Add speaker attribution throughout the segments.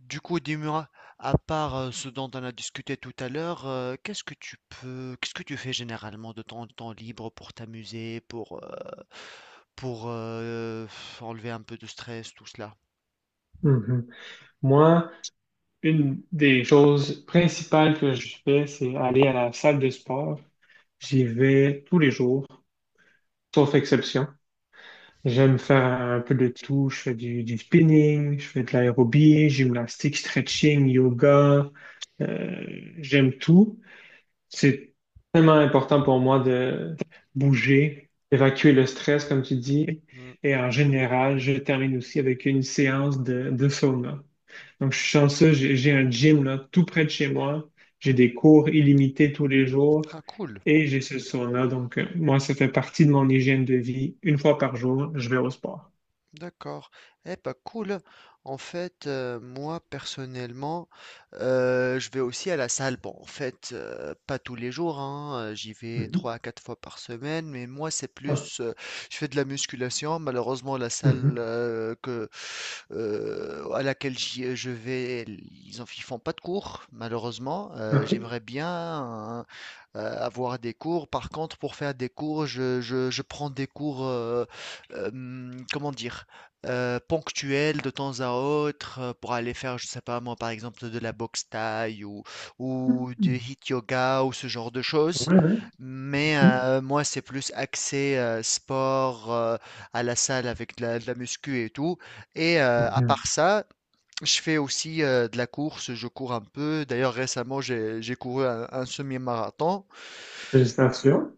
Speaker 1: Du coup, dis-moi, à part ce dont on a discuté tout à l'heure, qu'est-ce que tu peux, qu'est-ce que tu fais généralement de ton temps libre pour t'amuser, pour, pour euh, enlever un peu de stress, tout cela?
Speaker 2: Mhm. Moi, une des choses principales que je fais, c'est aller à la salle de sport. J'y vais tous les jours, sauf exception. J'aime faire un peu de tout. Je fais du spinning, je fais de l'aérobie, gymnastique, stretching, yoga. Euh, J'aime tout. C'est tellement important pour moi de bouger, d'évacuer le stress, comme tu dis.
Speaker 1: Hmm.
Speaker 2: Et en général, je termine aussi avec une séance de sauna. Donc, je suis chanceux, j'ai un gym là, tout près de chez moi. J'ai des cours illimités tous les jours
Speaker 1: Ah, cool.
Speaker 2: et j'ai ce sauna. Donc, moi, ça fait partie de mon hygiène de vie. Une fois par jour, je vais au sport.
Speaker 1: D'accord. Eh pas cool. En fait, moi personnellement, je vais aussi à la salle. Bon, en fait, pas tous les jours, hein, j'y vais
Speaker 2: Mhm.
Speaker 1: trois à quatre fois par semaine, mais moi c'est
Speaker 2: Ah,
Speaker 1: plus, je fais de la musculation. Malheureusement, la salle
Speaker 2: mhm.
Speaker 1: que à laquelle je vais, ils font pas de cours, malheureusement.
Speaker 2: OK.
Speaker 1: J'aimerais bien hein, avoir des cours. Par contre, pour faire des cours, je prends des cours, comment dire? Ponctuel, de temps à autre, pour aller faire, je sais pas moi, par exemple de la boxe thaï ou du
Speaker 2: Mhm.
Speaker 1: hit yoga ou ce genre de choses.
Speaker 2: Ouais, ouais.
Speaker 1: Mais
Speaker 2: Mhm.
Speaker 1: moi, c'est plus axé sport, à la salle avec de la muscu et tout. Et à
Speaker 2: Mhm.
Speaker 1: part ça, je fais aussi de la course, je cours un peu. D'ailleurs, récemment, j'ai couru un semi-marathon.
Speaker 2: Félicitations.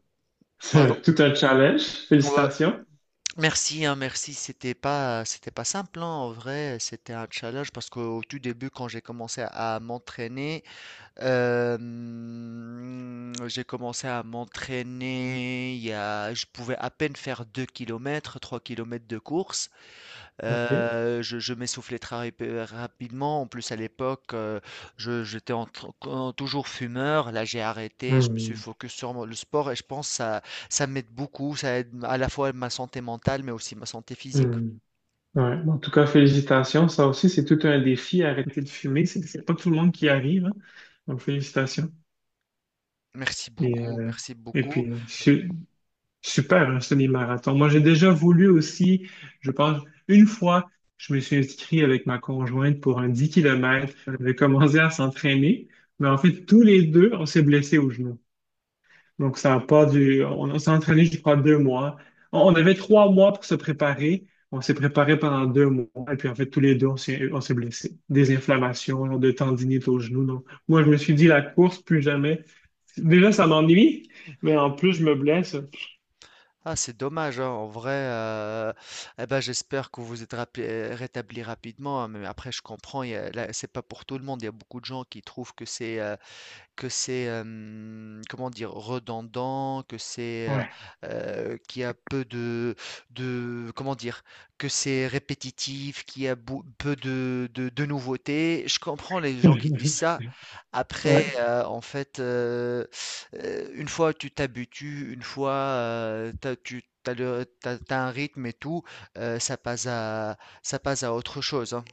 Speaker 1: Pardon?
Speaker 2: C'est tout un challenge.
Speaker 1: Ouais,
Speaker 2: Félicitations.
Speaker 1: merci, hein, merci. C'était pas simple, hein, en vrai. C'était un challenge parce qu'au tout début, quand j'ai commencé à m'entraîner, j'ai commencé à m'entraîner. Il y a, je pouvais à peine faire 2 kilomètres, 3 kilomètres de course.
Speaker 2: OK.
Speaker 1: Je m'essoufflais très rép rapidement. En plus à l'époque, je j'étais en tr toujours fumeur. Là, j'ai arrêté, je me suis
Speaker 2: Mhm.
Speaker 1: focus sur mon le sport et je pense que ça m'aide beaucoup. Ça aide à la fois ma santé mentale, mais aussi ma santé physique.
Speaker 2: Mhm. Ouais. En tout cas, félicitations. Ça aussi, c'est tout un défi, arrêter de fumer. C'est pas tout le monde qui y arrive, hein. Donc, félicitations.
Speaker 1: Merci
Speaker 2: Et,
Speaker 1: beaucoup,
Speaker 2: euh,
Speaker 1: merci
Speaker 2: et
Speaker 1: beaucoup.
Speaker 2: puis, super, un semi-marathon. Moi, j'ai déjà voulu aussi, je pense, une fois, je me suis inscrit avec ma conjointe pour un 10 kilomètres. On avait commencé à s'entraîner, mais en fait, tous les deux, on s'est blessés au genou. Donc, ça a pas du. On s'est entraîné, je crois, 2 mois. On avait 3 mois pour se préparer. On s'est préparé pendant 2 mois. Et puis, en fait, tous les deux, on s'est blessés. Des inflammations, genre de tendinite au genou. Donc, moi, je me suis dit, la course, plus jamais. Déjà, ça m'ennuie, mais en plus, je me blesse.
Speaker 1: Ah, c'est dommage, hein, en vrai, eh ben, j'espère que vous êtes rapé rétabli rapidement, hein, mais après je comprends, il y a là, c'est pas pour tout le monde. Il y a beaucoup de gens qui trouvent que c'est, que c'est, comment dire? Redondant, que c'est,
Speaker 2: Ouais.
Speaker 1: qu'il y a peu de comment dire? Que c'est répétitif, qu'il y a beau peu de nouveautés. Je comprends les gens qui disent ça. Après,
Speaker 2: Ouais.
Speaker 1: en fait, une fois tu t'habitues, une fois, tu as le tu as un rythme et tout, heu, ça passe à ça passe à autre chose, hein.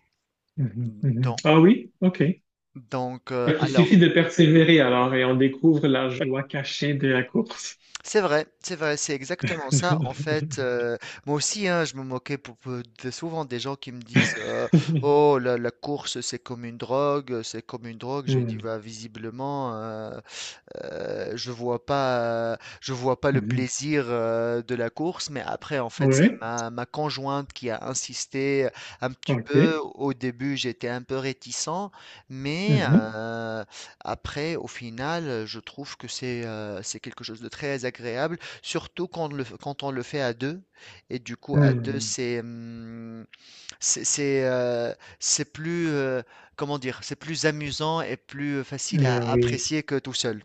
Speaker 2: Mhm, mhm.
Speaker 1: Donc
Speaker 2: Ah oui? OK. Ok, il suffit
Speaker 1: alors
Speaker 2: de persévérer alors et on découvre la joie cachée de la course.
Speaker 1: c'est vrai, c'est vrai, c'est exactement ça. En fait, moi aussi, hein, je me moquais souvent des gens qui me disent oh, la course, c'est comme une drogue, c'est comme une drogue. Je lui dis
Speaker 2: Mhm,
Speaker 1: bah, visiblement, Heu, je vois pas, je vois pas le
Speaker 2: mhm.
Speaker 1: plaisir, de la course, mais après en fait, c'est
Speaker 2: Ouais.
Speaker 1: ma conjointe qui a insisté, un petit peu.
Speaker 2: OK.
Speaker 1: Au début, j'étais un peu réticent, mais,
Speaker 2: Mhm,
Speaker 1: après au final, je trouve que c'est quelque chose de très agréable, surtout quand on le fait à deux, et du coup à 2
Speaker 2: mhm.
Speaker 1: c'est, c'est c'est, heu, c'est plus, comment dire? C'est plus amusant et plus facile à
Speaker 2: Ben oui.
Speaker 1: apprécier que tout seul.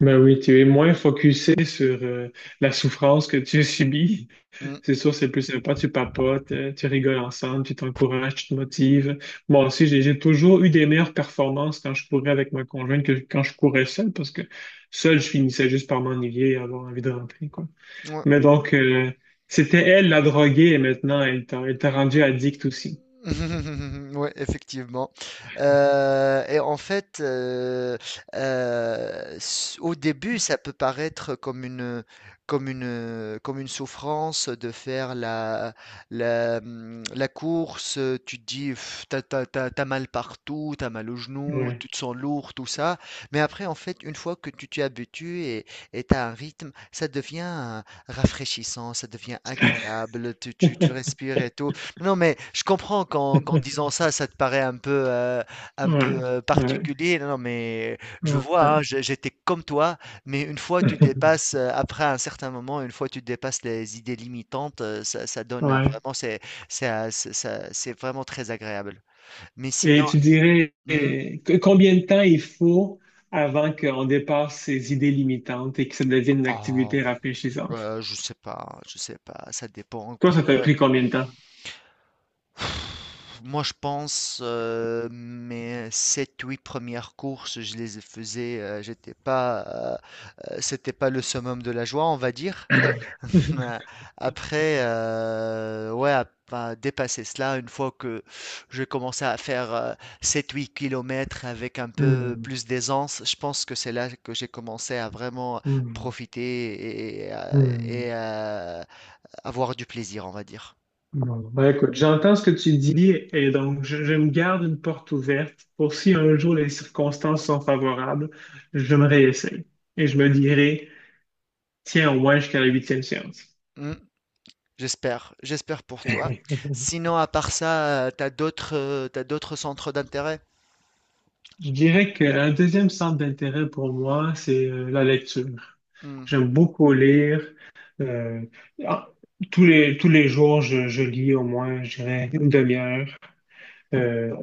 Speaker 2: Ben oui, tu es moins focusé sur la souffrance que tu subis.
Speaker 1: Mmh.
Speaker 2: C'est sûr, c'est plus sympa, tu papotes, tu rigoles ensemble, tu t'encourages, tu te motives. Moi aussi, j'ai toujours eu des meilleures performances quand je courais avec ma conjointe que quand je courais seul, parce que seul, je finissais juste par m'ennuyer et avoir envie de rentrer, quoi.
Speaker 1: Ouais.
Speaker 2: Mais donc, c'était elle la droguée et maintenant, elle t'a rendu addict aussi.
Speaker 1: Ouais, effectivement. Et en fait, au début, ça peut paraître comme une souffrance de faire la course. Tu te dis, pff, t'as mal partout, t'as mal au genou,
Speaker 2: Ouais.
Speaker 1: tu te sens lourd, tout ça. Mais après, en fait, une fois que tu t'y habitues et t'as un rythme, ça devient rafraîchissant, ça devient agréable. Tu respires et tout. Non, mais je comprends qu'en disant ça, ça te paraît un peu
Speaker 2: Ouais. Ouais.
Speaker 1: particulier. Non, non, mais je vois, hein,
Speaker 2: Ouais.
Speaker 1: j'étais comme toi, mais une fois tu dépasses, après un certain moment, une fois tu dépasses les idées limitantes, ça donne
Speaker 2: Ouais.
Speaker 1: vraiment, c'est c'est vraiment très agréable. Mais sinon,
Speaker 2: Et tu dirais
Speaker 1: hmm,
Speaker 2: combien de temps il faut avant qu'on dépasse ces idées limitantes et que ça devienne une
Speaker 1: oh,
Speaker 2: activité rafraîchissante?
Speaker 1: je sais pas, ça dépend.
Speaker 2: Toi, ça t'a pris combien de temps?
Speaker 1: Moi, je pense, mes sept, huit premières courses, je les faisais, j'étais pas, c'était pas le summum de la joie, on va dire. Euh, Après, ouais, à pas dépasser cela, une fois que j'ai commencé à faire 7-8 kilomètres avec un peu
Speaker 2: Hmm,
Speaker 1: plus d'aisance, je pense que c'est là que j'ai commencé à vraiment
Speaker 2: hmm,
Speaker 1: profiter et,
Speaker 2: hmm.
Speaker 1: avoir du plaisir, on va dire.
Speaker 2: Bon, ben écoute, j'entends ce que tu dis et donc je me garde une porte ouverte pour si un jour les circonstances sont favorables, je me réessaye et je me dirai, tiens, au moins jusqu'à la huitième séance.
Speaker 1: J'espère, j'espère pour toi. Sinon, à part ça, t'as d'autres centres d'intérêt?
Speaker 2: Je dirais qu'un deuxième centre d'intérêt pour moi, c'est la lecture.
Speaker 1: Hmm.
Speaker 2: J'aime beaucoup lire. euh, ah, tous les jours, je lis au moins, je dirais, une demi-heure. Euh,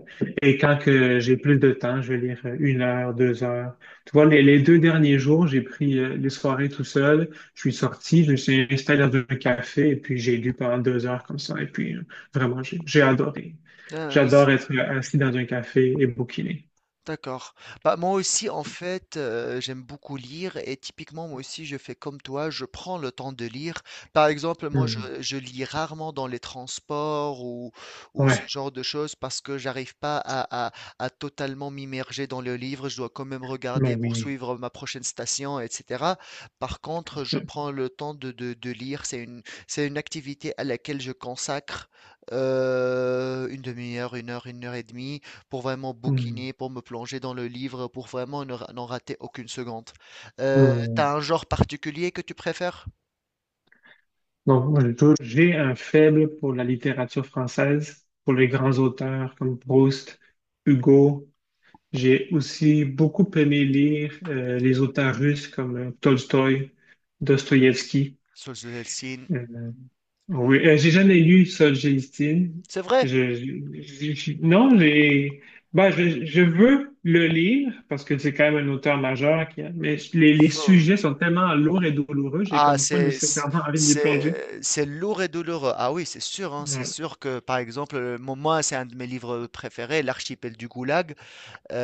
Speaker 2: et quand que j'ai plus de temps, je vais lire une heure, 2 heures. Tu vois, les deux derniers jours, j'ai pris les soirées tout seul. Je suis sorti, je me suis installé dans un café et puis j'ai lu pendant 2 heures comme ça. Et puis vraiment, j'ai adoré.
Speaker 1: Euh,
Speaker 2: J'adore être assis dans un café et bouquiner.
Speaker 1: D'accord. Bah, moi aussi, en fait, j'aime beaucoup lire et typiquement, moi aussi, je fais comme toi, je prends le temps de lire. Par exemple, moi,
Speaker 2: Hmm.
Speaker 1: je lis rarement dans les transports ou ce
Speaker 2: Ouais,
Speaker 1: genre de choses parce que j'arrive pas à, à totalement m'immerger dans le livre. Je dois quand même
Speaker 2: mais
Speaker 1: regarder pour
Speaker 2: oui.
Speaker 1: suivre ma prochaine station, etc. Par contre, je prends le temps de, de lire. C'est une activité à laquelle je consacre une demi-heure, une heure et demie pour vraiment
Speaker 2: Hmm.
Speaker 1: bouquiner, pour me plonger dans le livre, pour vraiment ne ra- n'en rater aucune seconde.
Speaker 2: Hmm.
Speaker 1: T'as un genre particulier que tu préfères?
Speaker 2: Donc, moi, j'ai un faible pour la littérature française, pour les grands auteurs comme Proust, Hugo. J'ai aussi beaucoup aimé lire les auteurs russes comme Tolstoï, Dostoïevski.
Speaker 1: Souls of Hellsing.
Speaker 2: Euh,
Speaker 1: Hmm,
Speaker 2: oui, j'ai jamais lu Solzhenitsyn.
Speaker 1: c'est vrai.
Speaker 2: Je, non, ben, je veux le lire parce que c'est quand même un auteur majeur, qui, mais les
Speaker 1: Faux.
Speaker 2: sujets sont tellement lourds et douloureux, j'ai
Speaker 1: Ah,
Speaker 2: comme pas nécessairement envie de m'y plonger.
Speaker 1: c'est lourd et douloureux. Ah oui, c'est sûr, hein, c'est
Speaker 2: Ouais.
Speaker 1: sûr que par exemple, moi, c'est un de mes livres préférés, L'archipel du Goulag.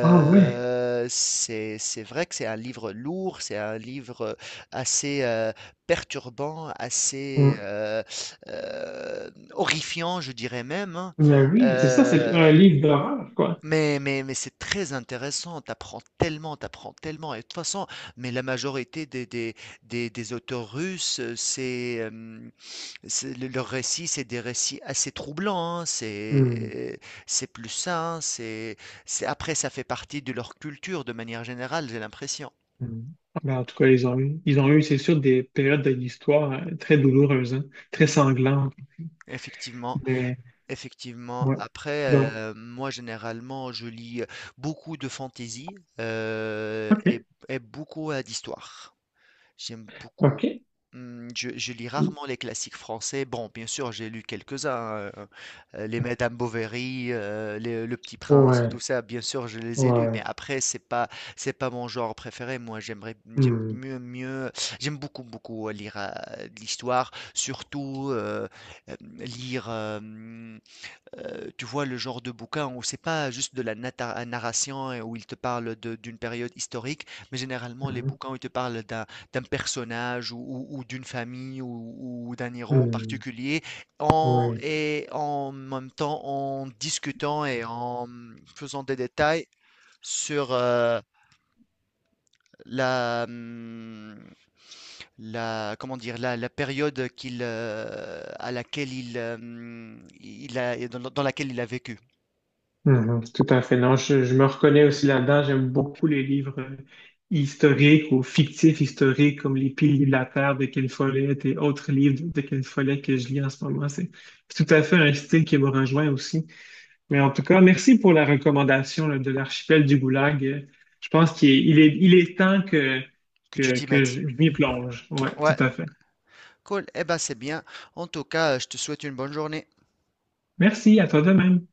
Speaker 2: Ah ouais.
Speaker 1: c'est c'est vrai que c'est un livre lourd, c'est un livre assez perturbant, assez
Speaker 2: Hmm.
Speaker 1: horrifiant, je dirais même, hein.
Speaker 2: Mais oui. C'est ça, c'est un
Speaker 1: Euh,
Speaker 2: livre d'horreur, quoi.
Speaker 1: mais mais, c'est très intéressant, t'apprends tellement, t'apprends tellement. Et de toute façon, mais la majorité des auteurs russes, c'est le leurs récits, c'est des récits assez troublants, hein, c'est plus ça, hein, c'est après ça fait partie de leur culture de manière générale, j'ai l'impression.
Speaker 2: Mm. Ben, en tout cas, ils ont eu, c'est sûr, des périodes de l'histoire très douloureuses, hein, très
Speaker 1: Mmh,
Speaker 2: sanglantes.
Speaker 1: effectivement,
Speaker 2: Mais,
Speaker 1: effectivement.
Speaker 2: ouais.
Speaker 1: Après,
Speaker 2: Donc,
Speaker 1: moi généralement, je lis beaucoup de fantaisie, heu et
Speaker 2: OK.
Speaker 1: et beaucoup, d'histoires. J'aime beaucoup.
Speaker 2: OK.
Speaker 1: Mmh, je lis rarement les classiques français. Bon, bien sûr, j'ai lu quelques-uns, les Madame Bovary, les Le Petit Prince,
Speaker 2: Ouais.
Speaker 1: tout ça, bien sûr, je les ai lus,
Speaker 2: Ouais.
Speaker 1: mais après, c'est pas mon genre préféré. Moi, j'aimerais j'aime
Speaker 2: Mm.
Speaker 1: mieux mieux j'aime beaucoup, beaucoup lire, de l'histoire, surtout, lire, euh, tu vois, le genre de bouquin où c'est pas juste de la narration et où il te parle d'une période historique, mais généralement les
Speaker 2: Mhm.
Speaker 1: bouquins où il te parle d'un personnage ou, ou d'une famille ou d'un héros en
Speaker 2: Mm.
Speaker 1: particulier,
Speaker 2: Oui.
Speaker 1: et en même temps en discutant et en faisant des détails sur la, hum, la, comment dire, la période à laquelle il, dans laquelle il a vécu.
Speaker 2: Mhm. Tout à fait. Non, je me reconnais aussi là-dedans. J'aime beaucoup les livres historiques ou fictifs historiques comme Les Piliers de la Terre de Ken Follett et autres livres de Ken Follett que je lis en ce moment. C'est tout à fait un style qui me rejoint aussi. Mais en tout cas, merci pour la recommandation là, de l'archipel du Goulag. Je pense qu'il est temps que,
Speaker 1: Que tu
Speaker 2: que,
Speaker 1: t'y
Speaker 2: que
Speaker 1: mettes.
Speaker 2: je m'y plonge. Ouais, tout
Speaker 1: Ouais,
Speaker 2: à fait.
Speaker 1: cool. Eh ben, c'est bien. En tout cas, je te souhaite une bonne journée.
Speaker 2: Merci, à toi de même.